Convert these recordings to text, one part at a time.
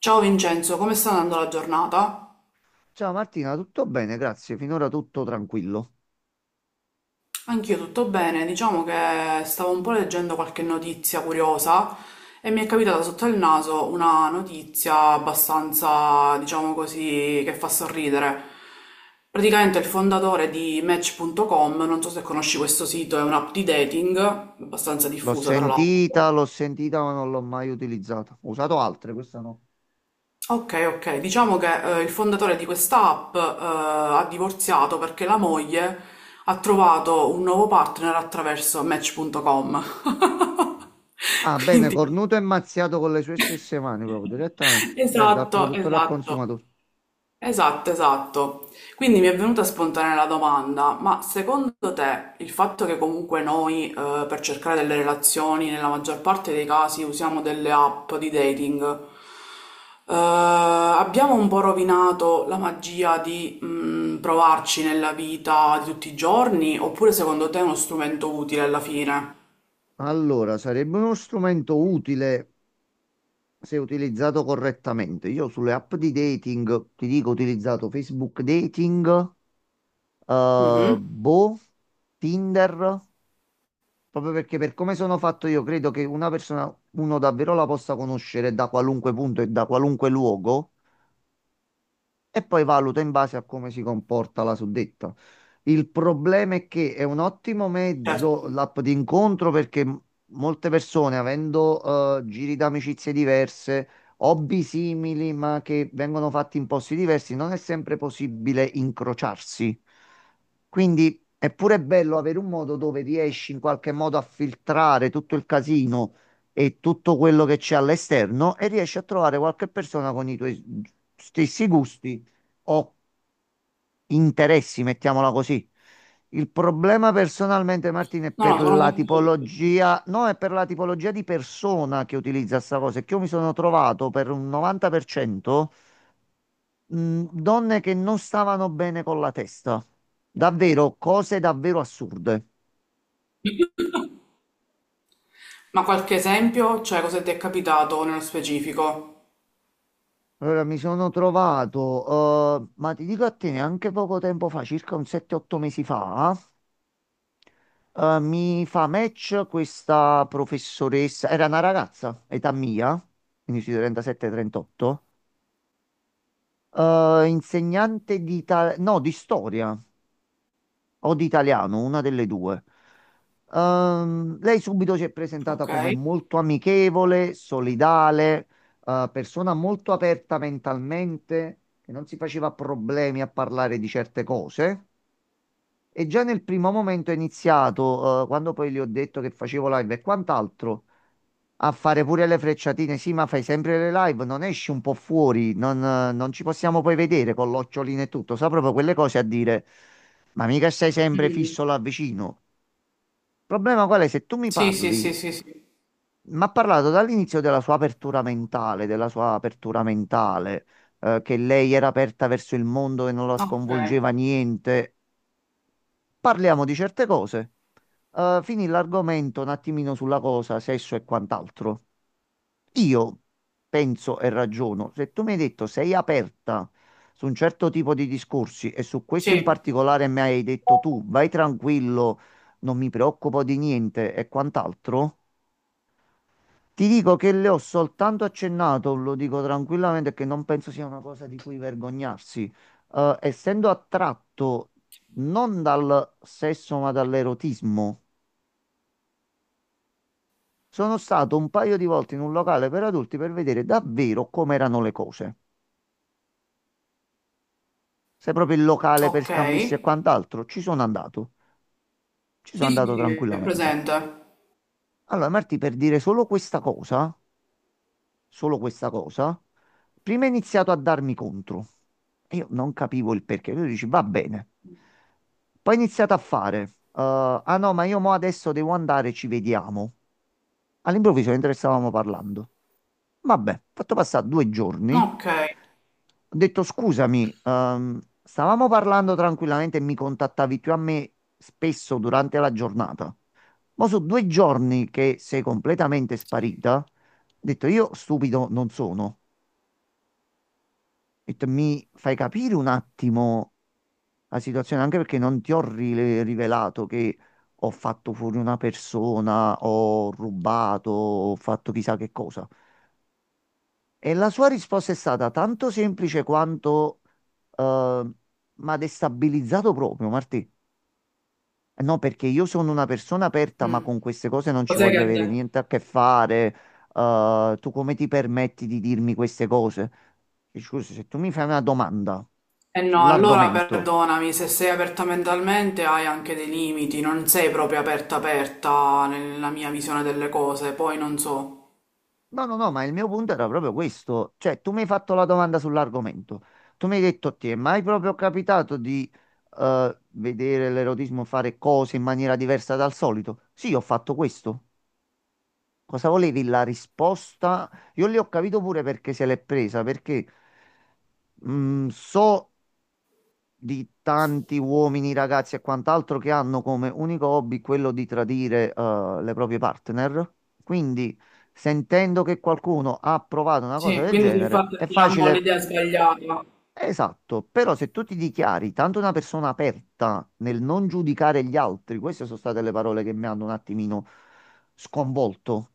Ciao Vincenzo, come sta andando la giornata? Ciao Martina, tutto bene? Grazie. Finora tutto tranquillo. Anch'io tutto bene, diciamo che stavo un po' leggendo qualche notizia curiosa e mi è capitata sotto il naso una notizia abbastanza, diciamo così, che fa sorridere. Praticamente il fondatore di Match.com, non so se conosci questo sito, è un'app di dating, abbastanza diffusa tra l'altro. L'ho sentita, ma non l'ho mai utilizzata. Ho usato altre, questa no. Ok, ok, diciamo che il fondatore di questa app ha divorziato perché la moglie ha trovato un nuovo partner attraverso Match.com. Ah, bene, Quindi, cornuto e mazziato con le sue stesse mani, proprio direttamente. Bene, dal esatto, produttore al esatto. consumatore. Esatto, esatto. Quindi mi è venuta spontanea la domanda, ma secondo te il fatto che comunque noi per cercare delle relazioni nella maggior parte dei casi usiamo delle app di dating, abbiamo un po' rovinato la magia di provarci nella vita di tutti i giorni, oppure secondo te è uno strumento utile alla fine? Allora, sarebbe uno strumento utile se utilizzato correttamente. Io sulle app di dating, ti dico, ho utilizzato Facebook Dating, Mhm, Boh, Tinder. Proprio perché per come sono fatto io, credo che una persona, uno davvero la possa conoscere da qualunque punto e da qualunque luogo, e poi valuto in base a come si comporta la suddetta. Il problema è che è un ottimo certo. mezzo l'app di incontro perché molte persone, avendo giri d'amicizie diverse, hobby simili, ma che vengono fatti in posti diversi, non è sempre possibile incrociarsi. Quindi è pure bello avere un modo dove riesci in qualche modo a filtrare tutto il casino e tutto quello che c'è all'esterno e riesci a trovare qualche persona con i tuoi stessi gusti ho interessi, mettiamola così. Il problema personalmente, Martina, è No, no, per sono la d'accordo. tipologia, no, è per la tipologia di persona che utilizza sta cosa. È che io mi sono trovato per un 90% donne che non stavano bene con la testa. Davvero, cose davvero assurde. Ma qualche esempio? Cioè, cosa ti è capitato nello specifico? Allora, mi sono trovato, ma ti dico a te, neanche poco tempo fa, circa un 7-8 mesi fa. Mi fa match questa professoressa, era una ragazza, età mia, quindi sui 37-38, insegnante di, no, di storia o di italiano, una delle due. Lei subito si è presentata Ok. come molto amichevole, solidale, persona molto aperta mentalmente, che non si faceva problemi a parlare di certe cose. E già nel primo momento è iniziato, quando poi gli ho detto che facevo live e quant'altro, a fare pure le frecciatine. Sì, ma fai sempre le live, non esci un po' fuori, non, non ci possiamo poi vedere con l'occhiolino e tutto. Sa proprio quelle cose a dire, ma mica stai sempre Mm. fisso là vicino. Il problema qual è? Se tu mi Sì, sì, parli, sì, sì, sì. mi ha parlato dall'inizio della sua apertura mentale, della sua apertura mentale, che lei era aperta verso il mondo e non la Ok. sconvolgeva niente parliamo di certe cose. Finì l'argomento un attimino sulla cosa, sesso e quant'altro. Io penso e ragiono, se tu mi hai detto sei aperta su un certo tipo di discorsi e su questo in Sì, particolare mi hai detto tu vai tranquillo, non mi preoccupo di niente e quant'altro, ti dico che le ho soltanto accennato, lo dico tranquillamente, che non penso sia una cosa di cui vergognarsi. Essendo attratto non dal sesso ma dall'erotismo, sono stato un paio di volte in un locale per adulti per vedere davvero com'erano le cose. Se proprio il locale per ok. scambisti e quant'altro, ci sono andato. Ci sono Sì, sì, andato sì, è tranquillamente. presente. Allora, Marti, per dire solo questa cosa. Solo questa cosa, prima ha iniziato a darmi contro. E io non capivo il perché. Lui dice, va bene. Poi ha iniziato a fare, ah no, ma io mo adesso devo andare, ci vediamo. All'improvviso, mentre stavamo parlando. Vabbè, ho fatto passare 2 giorni. Ok. Ho detto, scusami, stavamo parlando tranquillamente e mi contattavi più a me spesso durante la giornata. Ma sono 2 giorni che sei completamente sparita. Ho detto, io stupido non sono. Ho detto, mi fai capire un attimo la situazione, anche perché non ti ho rivelato che ho fatto fuori una persona, ho rubato, ho fatto chissà che cosa. E la sua risposta è stata tanto semplice quanto, eh, ma destabilizzato proprio, Martì. No, perché io sono una persona aperta, ma Mm. con queste cose non ci Cos'è voglio avere che... niente a che fare. Tu come ti permetti di dirmi queste cose? E scusa, se tu mi fai una domanda Eh no, allora sull'argomento. perdonami, se sei aperta mentalmente hai anche dei limiti, non sei proprio aperta aperta nella mia visione delle cose, poi non so. No, no, no, ma il mio punto era proprio questo. Cioè, tu mi hai fatto la domanda sull'argomento. Tu mi hai detto, ti è mai proprio capitato di vedere l'erotismo fare cose in maniera diversa dal solito? Sì, ho fatto questo. Cosa volevi la risposta? Io lì ho capito pure perché se l'è presa, perché so di tanti uomini, ragazzi e quant'altro che hanno come unico hobby quello di tradire le proprie partner. Quindi, sentendo che qualcuno ha provato una cosa Sì, del quindi si è genere, fatta, è diciamo, facile. l'idea sbagliata. Esatto, però se tu ti dichiari tanto una persona aperta nel non giudicare gli altri, queste sono state le parole che mi hanno un attimino sconvolto.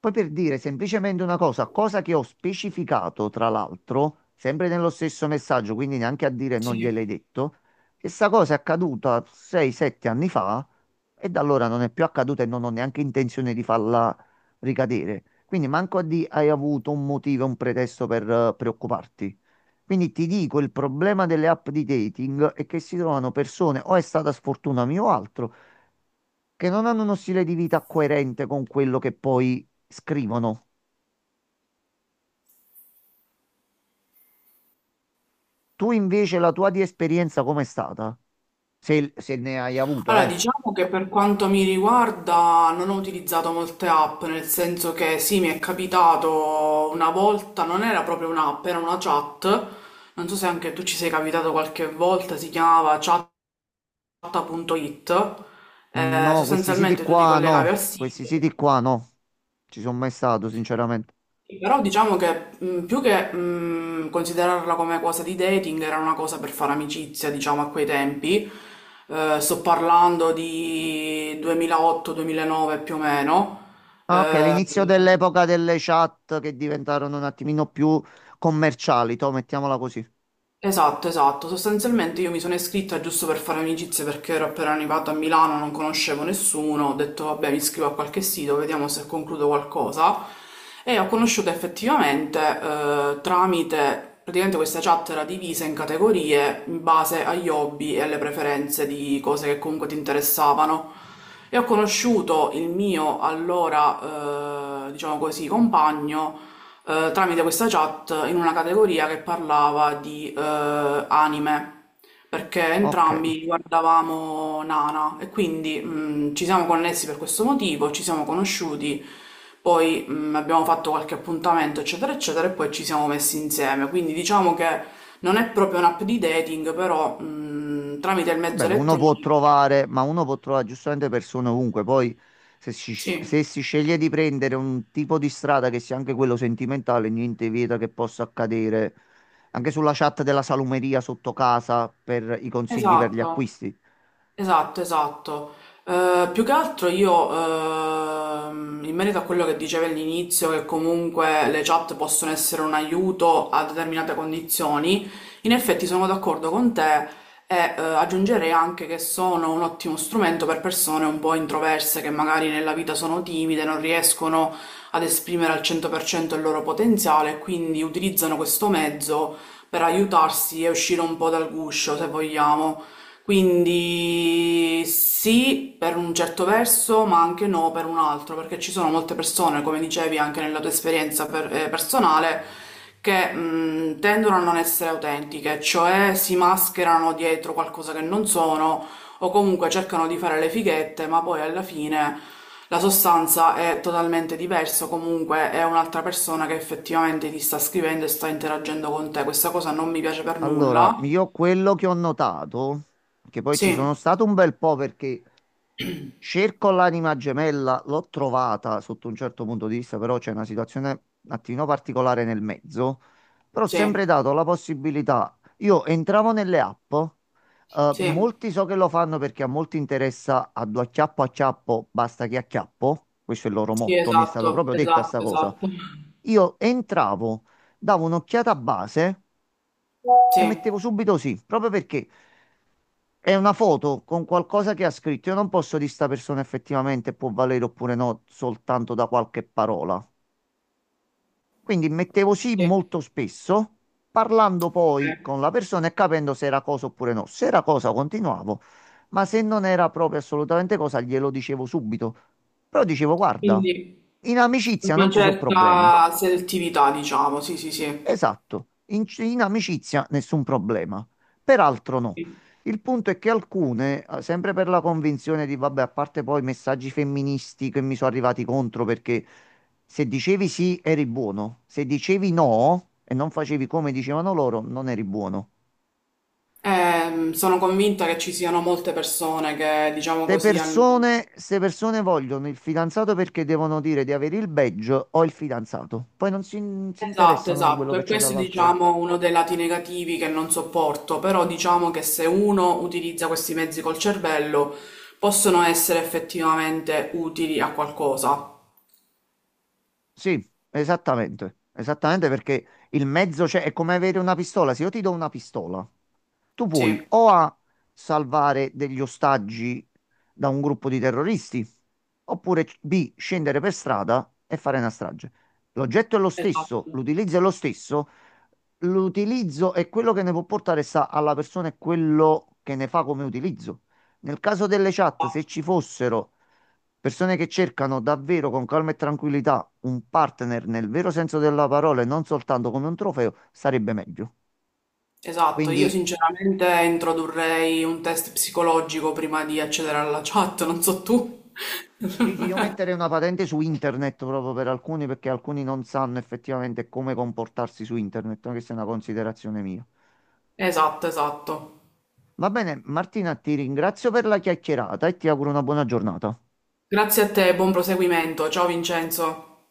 Poi per dire semplicemente una cosa, cosa che ho specificato tra l'altro, sempre nello stesso messaggio, quindi neanche a dire non Sì. gliel'hai detto, questa cosa è accaduta 6-7 anni fa e da allora non è più accaduta e non ho neanche intenzione di farla ricadere. Quindi manco a di hai avuto un motivo, un pretesto per preoccuparti. Quindi ti dico, il problema delle app di dating è che si trovano persone, o è stata sfortuna mia o altro, che non hanno uno stile di vita coerente con quello che poi scrivono. Tu invece la tua di esperienza com'è stata? Se, se ne hai avuta, Allora, eh? diciamo che per quanto mi riguarda non ho utilizzato molte app, nel senso che sì, mi è capitato una volta, non era proprio un'app, era una chat, non so se anche tu ci sei capitato qualche volta, si chiamava chat.it, No, questi siti sostanzialmente tu ti qua collegavi no, al sito. questi siti qua no. Ci sono mai stato, sinceramente. Sì, però diciamo che più che considerarla come cosa di dating era una cosa per fare amicizia, diciamo, a quei tempi. Sto parlando di 2008-2009 più o meno. Ah, ok, Eh, l'inizio dell'epoca delle chat che diventarono un attimino più commerciali, to, mettiamola così. Esatto, esatto. Sostanzialmente io mi sono iscritta giusto per fare amicizie perché ero appena arrivata a Milano, non conoscevo nessuno, ho detto vabbè mi iscrivo a qualche sito, vediamo se concludo qualcosa. E ho conosciuto effettivamente tramite, praticamente questa chat era divisa in categorie in base agli hobby e alle preferenze di cose che comunque ti interessavano. E ho conosciuto il mio allora, diciamo così, compagno tramite questa chat in una categoria che parlava di anime, perché Ok. entrambi guardavamo Nana e quindi ci siamo connessi per questo motivo, ci siamo conosciuti, poi abbiamo fatto qualche appuntamento, eccetera, eccetera, e poi ci siamo messi insieme. Quindi diciamo che non è proprio un'app di dating, però tramite il mezzo Vabbè, uno può elettronico. trovare, ma uno può trovare giustamente persone ovunque. Poi, se si, Sì, se si sceglie di prendere un tipo di strada che sia anche quello sentimentale, niente vieta che possa accadere anche sulla chat della salumeria sotto casa per i consigli per gli esatto. acquisti. Esatto, esatto. Più che altro io, in merito a quello che dicevi all'inizio, che comunque le chat possono essere un aiuto a determinate condizioni, in effetti sono d'accordo con te e aggiungerei anche che sono un ottimo strumento per persone un po' introverse che magari nella vita sono timide, non riescono ad esprimere al 100% il loro potenziale, quindi utilizzano questo mezzo per aiutarsi e uscire un po' dal guscio, se vogliamo. Quindi sì, per un certo verso, ma anche no per un altro, perché ci sono molte persone, come dicevi anche nella tua esperienza personale, che tendono a non essere autentiche, cioè si mascherano dietro qualcosa che non sono o comunque cercano di fare le fighette, ma poi alla fine la sostanza è totalmente diversa, o comunque è un'altra persona che effettivamente ti sta scrivendo e sta interagendo con te. Questa cosa non mi piace per Allora, nulla. io quello che ho notato, che poi ci Sì, sono stato un bel po' perché. Cerco l'anima gemella, l'ho trovata sotto un certo punto di vista, però c'è una situazione un attimino particolare nel mezzo. Però ho sì. sempre dato la possibilità. Io entravo nelle app, Sì, molti so che lo fanno perché a molti interessa a due acchiappo acchiappo, basta che acchiappo. Questo è il loro sì, motto, mi è stato esatto, proprio detta sta esatto, cosa. esatto. Io entravo, davo un'occhiata a base Sì, e mettevo subito sì, proprio perché. È una foto con qualcosa che ha scritto. Io non posso dire sta persona effettivamente può valere oppure no, soltanto da qualche parola. Quindi mettevo sì sì, molto spesso, parlando poi sì. con la persona e capendo se era cosa oppure no. Se era cosa continuavo, ma se non era proprio assolutamente cosa glielo dicevo subito. Però dicevo, guarda, Quindi in amicizia non una ci sono problemi. certa selettività, diciamo, sì, sì, sì. Esatto, in amicizia nessun problema, peraltro no. Sì. Il punto è che alcune, sempre per la convinzione di, vabbè, a parte poi messaggi femministi che mi sono arrivati contro perché se dicevi sì eri buono, se dicevi no e non facevi come dicevano loro, non eri buono. Sono convinta che ci siano molte persone che, diciamo così, hanno... Ste persone vogliono il fidanzato perché devono dire di avere il badge o il fidanzato, poi non si, si Esatto, interessano di quello esatto, che e c'è questo è, dall'altro lato. diciamo, uno dei lati negativi che non sopporto, però diciamo che se uno utilizza questi mezzi col cervello, possono essere effettivamente utili a qualcosa. Sì, esattamente, esattamente perché il mezzo c'è, è come avere una pistola. Se io ti do una pistola, tu puoi Sì, o a salvare degli ostaggi da un gruppo di terroristi, oppure B, scendere per strada e fare una strage. L'oggetto è lo stesso, esatto. l'utilizzo è lo stesso, l'utilizzo è quello che ne può portare sta alla persona e quello che ne fa come utilizzo. Nel caso delle chat, se ci fossero persone che cercano davvero con calma e tranquillità un partner nel vero senso della parola e non soltanto come un trofeo, sarebbe meglio. Esatto, io Quindi sinceramente introdurrei un test psicologico prima di accedere alla chat, non so tu. sì, sì, io metterei una patente su internet proprio per alcuni perché alcuni non sanno effettivamente come comportarsi su internet, anche se è una considerazione mia. Esatto, esatto. Va bene, Martina, ti ringrazio per la chiacchierata e ti auguro una buona giornata. Grazie a te, buon proseguimento. Ciao Vincenzo.